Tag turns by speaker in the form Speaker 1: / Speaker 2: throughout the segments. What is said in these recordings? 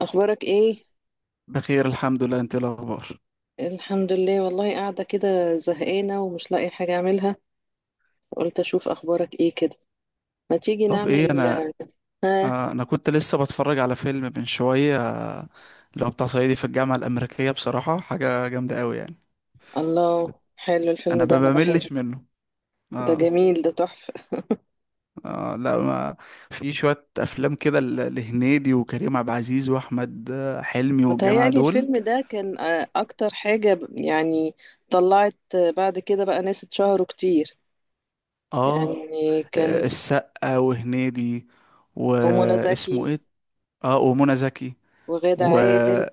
Speaker 1: اخبارك ايه؟
Speaker 2: بخير الحمد لله. انت ايه الاخبار؟
Speaker 1: الحمد لله، والله قاعده كده زهقانه ومش لاقي حاجه اعملها. قلت اشوف اخبارك ايه كده. ما تيجي
Speaker 2: طب ايه
Speaker 1: نعمل.
Speaker 2: انا.
Speaker 1: ها؟
Speaker 2: انا كنت لسه بتفرج على فيلم من شويه، اللي هو بتاع صعيدي في الجامعه الامريكيه. بصراحه حاجه جامده قوي يعني.
Speaker 1: الله، حلو الفيلم
Speaker 2: انا
Speaker 1: ده،
Speaker 2: ما
Speaker 1: انا بحبه.
Speaker 2: بملش منه.
Speaker 1: ده
Speaker 2: اه
Speaker 1: جميل، ده تحفه.
Speaker 2: اه لا ما في شويه افلام كده لهنيدي وكريم عبد العزيز واحمد حلمي والجماعه
Speaker 1: متهيألي
Speaker 2: دول.
Speaker 1: الفيلم ده كان اكتر حاجه يعني. طلعت بعد كده بقى ناس اتشهروا كتير.
Speaker 2: اه
Speaker 1: يعني كان.
Speaker 2: السقا وهنيدي.
Speaker 1: ومنى
Speaker 2: واسمه
Speaker 1: زكي.
Speaker 2: ايه؟ اه ومنى زكي.
Speaker 1: وغادة
Speaker 2: و...
Speaker 1: عادل.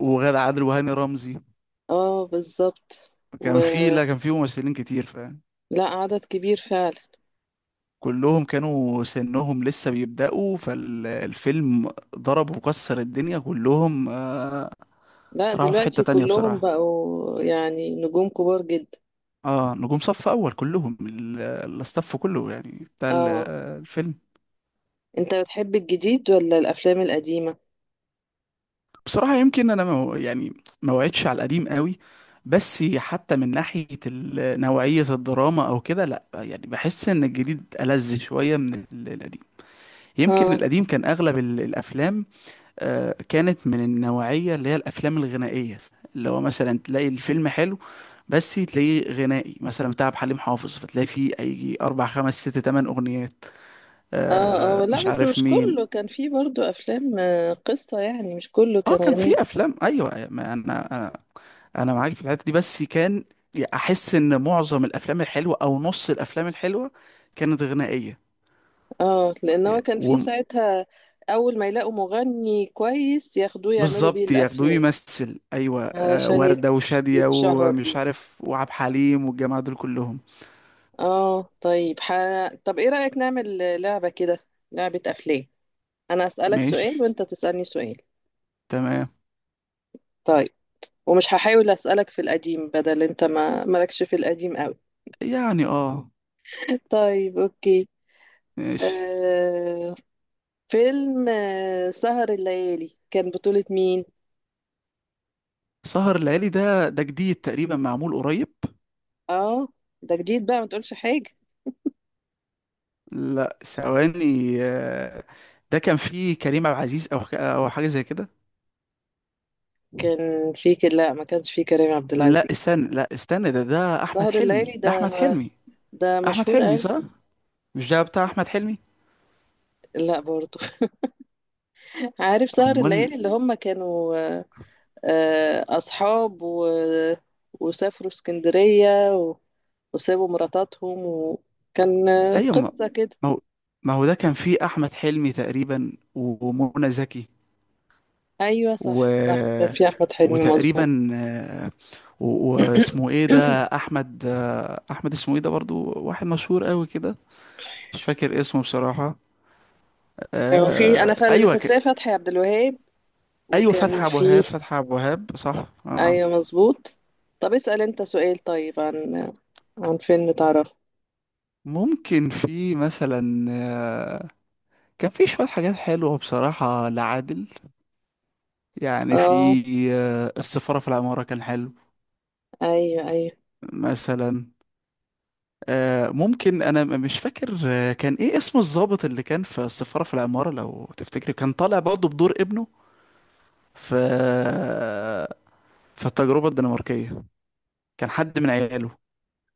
Speaker 2: وغادة عادل وهاني رمزي.
Speaker 1: اه، بالظبط.
Speaker 2: كان في
Speaker 1: ولا.
Speaker 2: لا كان في ممثلين كتير فاهم.
Speaker 1: عدد كبير فعلا.
Speaker 2: كلهم كانوا سنهم لسه بيبدأوا فالفيلم. ضرب وكسر الدنيا كلهم آه.
Speaker 1: لا،
Speaker 2: راحوا في حتة
Speaker 1: دلوقتي
Speaker 2: تانية
Speaker 1: كلهم
Speaker 2: بصراحة.
Speaker 1: بقوا يعني نجوم كبار جدا.
Speaker 2: اه نجوم صف أول كلهم، الاستاف كله يعني، بتاع
Speaker 1: اه.
Speaker 2: الفيلم.
Speaker 1: انت بتحب الجديد ولا الافلام القديمة؟
Speaker 2: بصراحة يمكن أنا ما وعدتش على القديم قوي. بس حتى من ناحية نوعية الدراما أو كده، لأ يعني بحس إن الجديد ألذ شوية من القديم. يمكن
Speaker 1: اه.
Speaker 2: القديم كان أغلب الأفلام كانت من النوعية اللي هي الأفلام الغنائية. اللي هو مثلا تلاقي الفيلم حلو بس تلاقيه غنائي، مثلا بتاع عبد الحليم حافظ، فتلاقي فيه أي أربع خمس ست تمن أغنيات.
Speaker 1: اه. اه،
Speaker 2: آه
Speaker 1: لا
Speaker 2: مش
Speaker 1: بس
Speaker 2: عارف
Speaker 1: مش كله
Speaker 2: مين.
Speaker 1: كان فيه برضو افلام قصة، يعني مش كله
Speaker 2: اه
Speaker 1: كان
Speaker 2: كان
Speaker 1: غني.
Speaker 2: في أفلام، أيوة، ما أنا أنا معاك في الحتة دي. بس كان أحس إن معظم الأفلام الحلوة أو نص الأفلام الحلوة كانت غنائية.
Speaker 1: اه، لان هو كان فيه
Speaker 2: و-
Speaker 1: ساعتها. اول ما يلاقوا مغني كويس ياخدوه يعملوا بيه
Speaker 2: بالظبط، ياخدوه
Speaker 1: الافلام.
Speaker 2: يمثل أيوة آه،
Speaker 1: علشان
Speaker 2: وردة وشادية
Speaker 1: يتشهر
Speaker 2: ومش
Speaker 1: بيه.
Speaker 2: عارف وعبد الحليم والجماعة دول كلهم.
Speaker 1: اه، طيب طب ايه رأيك نعمل لعبة كده؟ لعبة افلام. انا اسألك سؤال
Speaker 2: ماشي.
Speaker 1: وانت تسألني سؤال.
Speaker 2: تمام.
Speaker 1: طيب. ومش هحاول أسألك في القديم، بدل انت ما مالكش في القديم قوي.
Speaker 2: يعني اه.
Speaker 1: طيب، اوكي.
Speaker 2: ماشي.
Speaker 1: آه فيلم سهر الليالي كان بطولة مين؟
Speaker 2: سهر الليالي ده ده جديد تقريبا، معمول قريب.
Speaker 1: اه. ده جديد بقى، ما تقولش حاجة.
Speaker 2: لا ثواني، ده كان فيه كريم عبد العزيز او او حاجه زي كده.
Speaker 1: لا، ما كانش في كريم عبد
Speaker 2: لا
Speaker 1: العزيز.
Speaker 2: استنى لا استنى ده ده احمد
Speaker 1: سهر الليالي
Speaker 2: حلمي. ده
Speaker 1: ده
Speaker 2: احمد
Speaker 1: ما،
Speaker 2: حلمي.
Speaker 1: ده
Speaker 2: احمد
Speaker 1: مشهور
Speaker 2: حلمي
Speaker 1: قوي.
Speaker 2: صح. مش ده بتاع احمد حلمي؟
Speaker 1: لا برضه. عارف سهر
Speaker 2: امال.
Speaker 1: الليالي اللي هم كانوا اصحاب وسافروا اسكندرية وسابوا مراتاتهم، وكان
Speaker 2: ايوه
Speaker 1: قصة كده.
Speaker 2: ما هو ما هو ده كان فيه احمد حلمي تقريبا، ومنى زكي.
Speaker 1: ايوه، صح صح، كان
Speaker 2: و
Speaker 1: في احمد حلمي، مظبوط.
Speaker 2: وتقريبا آه، واسمه ايه ده، احمد. احمد اسمه ايه ده، برضو واحد مشهور قوي كده. مش فاكر اسمه بصراحة.
Speaker 1: ايوه في، انا
Speaker 2: آه
Speaker 1: اللي
Speaker 2: ايوه ك...
Speaker 1: فاكراه فتحي عبد الوهاب.
Speaker 2: ايوه
Speaker 1: وكان
Speaker 2: فتحي ابو وهاب.
Speaker 1: في.
Speaker 2: فتحي ابو وهاب صح اه آه.
Speaker 1: ايوه، مظبوط. طب اسأل انت سؤال، طيب، عن. عن فيلم تعرفه.
Speaker 2: ممكن في مثلا آه، كان في شوية حاجات حلوة بصراحة لعادل يعني.
Speaker 1: اه.
Speaker 2: في آه السفارة في العمارة كان حلو
Speaker 1: ايوه ايوه.
Speaker 2: مثلا. آه ممكن انا مش فاكر آه كان ايه اسم الضابط اللي كان في السفارة في العمارة لو تفتكري. كان طالع برضه بدور ابنه في آه، في التجربة الدنماركية. كان حد من عياله،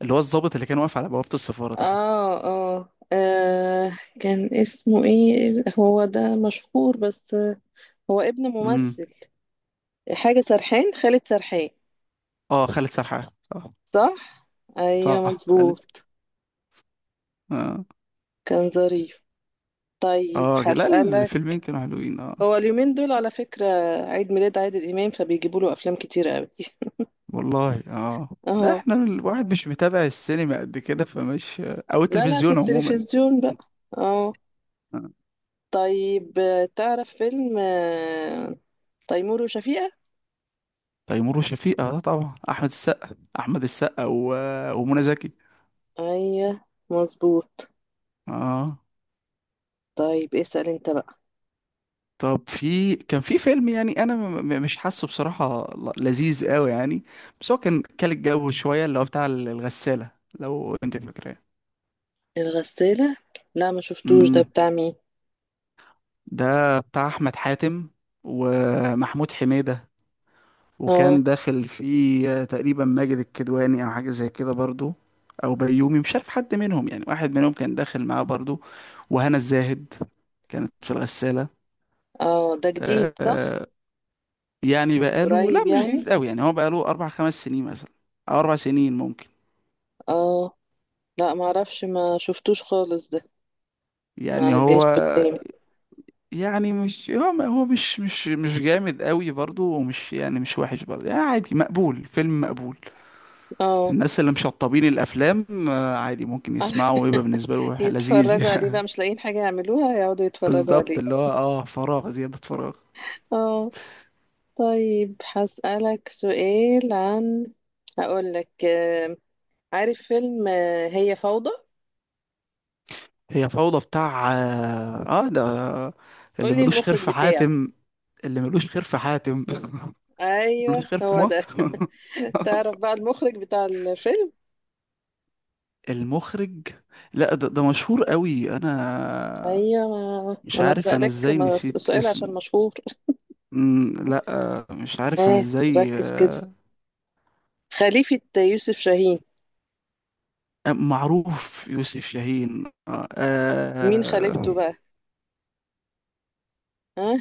Speaker 2: اللي هو الضابط اللي كان واقف على بوابة السفارة تحت.
Speaker 1: اه اه. كان اسمه ايه هو ده؟ مشهور بس. هو ابن
Speaker 2: امم
Speaker 1: ممثل. حاجة سرحان، خالد سرحان.
Speaker 2: اه خالد سرحان صح.
Speaker 1: صح. ايوه،
Speaker 2: صح خالد
Speaker 1: مظبوط.
Speaker 2: اه.
Speaker 1: كان ظريف. طيب،
Speaker 2: اه لا
Speaker 1: هسألك.
Speaker 2: الفيلمين كانوا حلوين اه.
Speaker 1: هو اليومين دول على فكرة عيد ميلاد عادل إمام، فبيجيبوا له أفلام كتير قوي.
Speaker 2: والله اه لا
Speaker 1: اه.
Speaker 2: احنا الواحد مش متابع السينما قد كده، فمش آه، او
Speaker 1: لا لا، في
Speaker 2: التلفزيون عموما
Speaker 1: التلفزيون بقى. اه.
Speaker 2: آه.
Speaker 1: طيب، تعرف فيلم تيمور وشفيقة؟
Speaker 2: تيمور وشفيقة اه طبعا، احمد السقا. احمد السقا و... ومنى زكي
Speaker 1: أيوه. مظبوط.
Speaker 2: اه.
Speaker 1: طيب، اسأل انت بقى.
Speaker 2: طب في كان في فيلم، يعني انا مش حاسه بصراحة لذيذ قوي يعني، بس هو كان الجو شوية، اللي هو بتاع الغسالة. لو انت فاكراه.
Speaker 1: الغسالة. لا، ما شفتوش ده،
Speaker 2: امم.
Speaker 1: بتاع مين؟
Speaker 2: ده بتاع احمد حاتم ومحمود حميدة.
Speaker 1: اه.
Speaker 2: وكان داخل فيه تقريبا ماجد الكدواني او حاجة زي كده برضو، او بيومي، مش عارف حد منهم يعني، واحد منهم كان داخل معاه برضو. وهنا الزاهد كانت في
Speaker 1: اه، ده جديد صح؟
Speaker 2: الغسالة. يعني بقاله، لا
Speaker 1: قريب
Speaker 2: مش
Speaker 1: يعني.
Speaker 2: جديد قوي يعني، هو بقاله اربع خمس سنين مثلا، او اربع سنين ممكن.
Speaker 1: اه. لا، ما اعرفش، ما شفتوش خالص ده. ما
Speaker 2: يعني
Speaker 1: جاش
Speaker 2: هو،
Speaker 1: قدامي.
Speaker 2: يعني مش هو ما- هو مش مش مش جامد قوي برضه، ومش يعني مش وحش برضه يعني، عادي، مقبول، فيلم مقبول.
Speaker 1: اه.
Speaker 2: الناس اللي مشطبين الافلام آه، عادي ممكن يسمعوا ويبقى بالنسبه له لذيذ
Speaker 1: يتفرجوا عليه
Speaker 2: يعني.
Speaker 1: بقى، مش لاقيين حاجة يعملوها، يقعدوا يتفرجوا عليه.
Speaker 2: بالظبط، اللي هو اه، فراغ، زياده فراغ.
Speaker 1: اه. طيب، هسألك سؤال عن. هقولك عارف فيلم هي فوضى؟
Speaker 2: هي فوضى بتاع اه آه، ده اللي
Speaker 1: قولي
Speaker 2: ملوش خير
Speaker 1: المخرج
Speaker 2: في
Speaker 1: بتاعه.
Speaker 2: حاتم. اللي ملوش خير في حاتم ملوش
Speaker 1: ايوه،
Speaker 2: خير في
Speaker 1: هو ده.
Speaker 2: مصر
Speaker 1: تعرف بقى المخرج بتاع الفيلم؟
Speaker 2: المخرج، لا ده, ده مشهور قوي. انا
Speaker 1: ايوه ما،
Speaker 2: مش
Speaker 1: انا
Speaker 2: عارف انا
Speaker 1: سألك
Speaker 2: ازاي
Speaker 1: ما
Speaker 2: نسيت
Speaker 1: سؤال عشان
Speaker 2: اسمه.
Speaker 1: مشهور.
Speaker 2: مم، لا آه، مش عارف انا
Speaker 1: اه،
Speaker 2: ازاي
Speaker 1: ركز كده.
Speaker 2: آه،
Speaker 1: خليفة يوسف شاهين.
Speaker 2: آه، معروف يوسف شاهين آه،
Speaker 1: مين خليفته
Speaker 2: آه،
Speaker 1: بقى؟ ها؟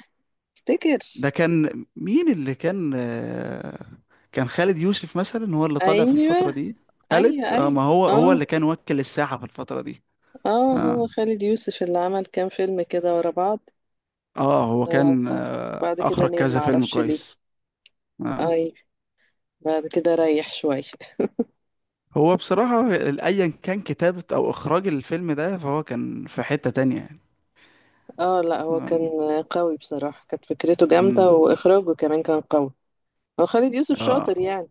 Speaker 1: افتكر.
Speaker 2: ده كان مين اللي كان آه، كان خالد يوسف مثلا هو اللي طالع في
Speaker 1: ايوه.
Speaker 2: الفترة دي. خالد
Speaker 1: ايوه
Speaker 2: اه،
Speaker 1: ايوه.
Speaker 2: ما هو
Speaker 1: اه.
Speaker 2: اللي كان وكل الساحة في الفترة دي.
Speaker 1: اه، هو
Speaker 2: اه
Speaker 1: خالد يوسف اللي عمل كام فيلم كده ورا بعض.
Speaker 2: اه هو
Speaker 1: آه.
Speaker 2: كان آه،
Speaker 1: بعد كده
Speaker 2: اخرج
Speaker 1: نام،
Speaker 2: كذا فيلم
Speaker 1: معرفش ليه.
Speaker 2: كويس آه.
Speaker 1: اي. بعد كده ريح شوية.
Speaker 2: هو بصراحة أيا كان كتابة أو إخراج الفيلم ده، فهو كان في حتة تانية يعني.
Speaker 1: اه، لا هو كان قوي بصراحة، كانت فكرته جامدة،
Speaker 2: أمم،
Speaker 1: واخراجه كمان كان قوي. هو خالد يوسف
Speaker 2: آه
Speaker 1: شاطر يعني.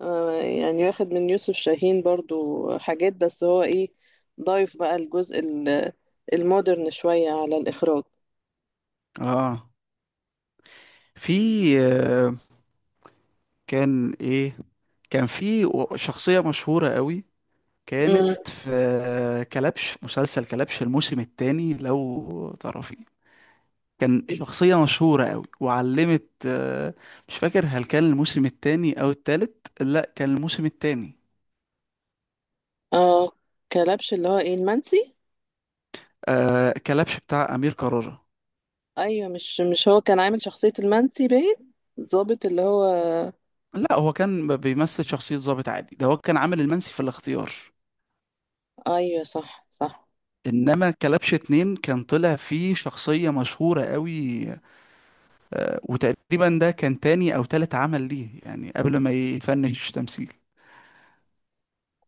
Speaker 1: آه، يعني واخد من يوسف شاهين برضو حاجات، بس هو ايه، ضايف بقى الجزء المودرن شوية على الاخراج.
Speaker 2: آه. في آه، كان إيه، كان في شخصية مشهورة قوي. كانت
Speaker 1: امم.
Speaker 2: في آه، كلبش، مسلسل كلبش الموسم التاني لو تعرفيه. كان شخصية مشهورة قوي وعلمت آه، مش فاكر هل كان الموسم التاني أو التالت، لا كان الموسم التاني.
Speaker 1: اه، كلبش اللي هو ايه؟ المنسي.
Speaker 2: آه كلبش بتاع أمير كرارة.
Speaker 1: ايوه، مش هو كان عامل شخصية المنسي، باين. الضابط اللي هو.
Speaker 2: لا هو كان بيمثل شخصية ضابط عادي. ده هو كان عامل المنسي في الاختيار.
Speaker 1: ايوه، صح صح.
Speaker 2: انما كلبش اتنين كان طلع فيه شخصية مشهورة قوي آه، وتقريبا ده كان تاني او تالت عمل ليه يعني قبل ما يفنش تمثيل.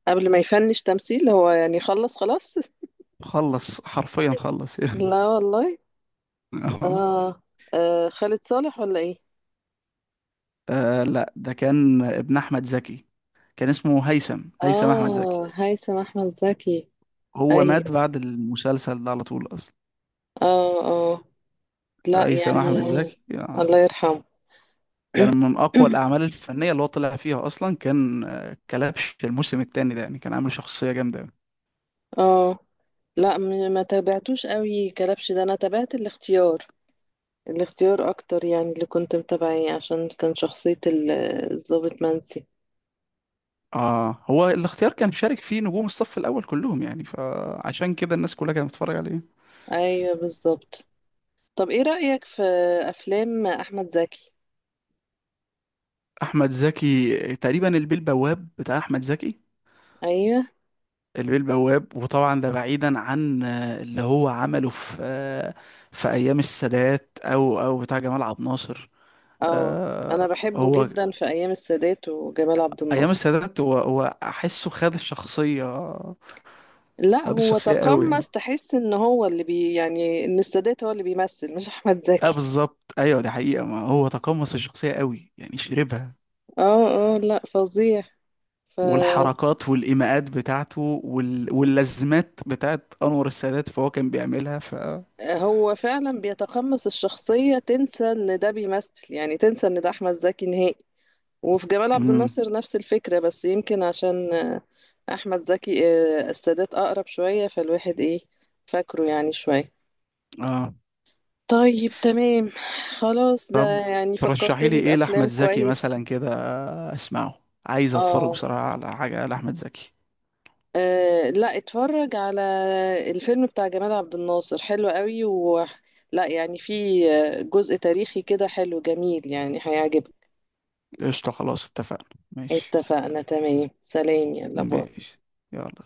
Speaker 1: قبل ما يفنش تمثيل هو، يعني خلص خلاص.
Speaker 2: خلص حرفيا خلص يعني.
Speaker 1: لا والله. آه. اه، خالد صالح ولا ايه؟
Speaker 2: آه لا ده كان ابن احمد زكي، كان اسمه هيثم، هيثم احمد زكي.
Speaker 1: اه، هيثم احمد زكي.
Speaker 2: هو
Speaker 1: ايوه.
Speaker 2: مات بعد المسلسل ده على طول اصلا.
Speaker 1: اه. اه. لا
Speaker 2: هيثم
Speaker 1: يعني.
Speaker 2: احمد زكي آه.
Speaker 1: الله يرحمه.
Speaker 2: كان من اقوى الاعمال الفنيه اللي هو طلع فيها اصلا كان آه، كلبش الموسم الثاني ده، يعني كان عامل شخصيه جامده أوي.
Speaker 1: اه. لا، ما تابعتوش قوي كلبش ده، انا تابعت الاختيار. الاختيار اكتر يعني اللي كنت متابعيه، عشان كان شخصية الضابط منسي.
Speaker 2: اه هو الاختيار كان شارك فيه نجوم الصف الاول كلهم يعني، فعشان كده الناس كلها كانت بتتفرج عليه.
Speaker 1: ايوه، بالظبط. طب ايه رأيك في افلام احمد زكي؟
Speaker 2: احمد زكي تقريبا البيه البواب بتاع احمد زكي،
Speaker 1: ايوه.
Speaker 2: البيه البواب. وطبعا ده بعيدا عن آه، اللي هو عمله في آه، في ايام السادات او او بتاع جمال عبد الناصر
Speaker 1: اه. انا
Speaker 2: آه،
Speaker 1: بحبه
Speaker 2: هو
Speaker 1: جدا في ايام السادات وجمال عبد
Speaker 2: ايام
Speaker 1: الناصر.
Speaker 2: السادات هو احسه خد الشخصيه.
Speaker 1: لا،
Speaker 2: خد
Speaker 1: هو
Speaker 2: الشخصيه قوي يعني.
Speaker 1: تقمص، تحس ان هو اللي يعني ان السادات هو اللي بيمثل، مش احمد
Speaker 2: اه
Speaker 1: زكي.
Speaker 2: بالظبط ايوه، دي حقيقة، ما هو تقمص الشخصية قوي يعني، شربها.
Speaker 1: اه اه، لا فظيع.
Speaker 2: والحركات والايماءات بتاعته وال... واللازمات بتاعت انور السادات، فهو كان بيعملها ف
Speaker 1: فهو فعلا بيتقمص الشخصية، تنسى ان ده بيمثل، يعني تنسى ان ده احمد زكي نهائي. وفي جمال عبد
Speaker 2: امم
Speaker 1: الناصر نفس الفكرة، بس يمكن عشان أحمد زكي السادات أقرب شوية، فالواحد إيه، فاكره يعني شوية.
Speaker 2: اه.
Speaker 1: طيب، تمام. خلاص، ده يعني
Speaker 2: ترشحي لي
Speaker 1: فكرتني
Speaker 2: ايه لاحمد
Speaker 1: بأفلام
Speaker 2: زكي
Speaker 1: كويس.
Speaker 2: مثلا كده، اسمعه، عايز اتفرج
Speaker 1: آه
Speaker 2: بصراحة على حاجة لاحمد زكي.
Speaker 1: لا، اتفرج على الفيلم بتاع جمال عبد الناصر، حلو قوي لا يعني، في جزء تاريخي كده حلو، جميل يعني، هيعجبك.
Speaker 2: قشطة خلاص اتفقنا، ماشي.
Speaker 1: اتفقنا، تمام، سلام، يلا باي.
Speaker 2: ماشي. يلا.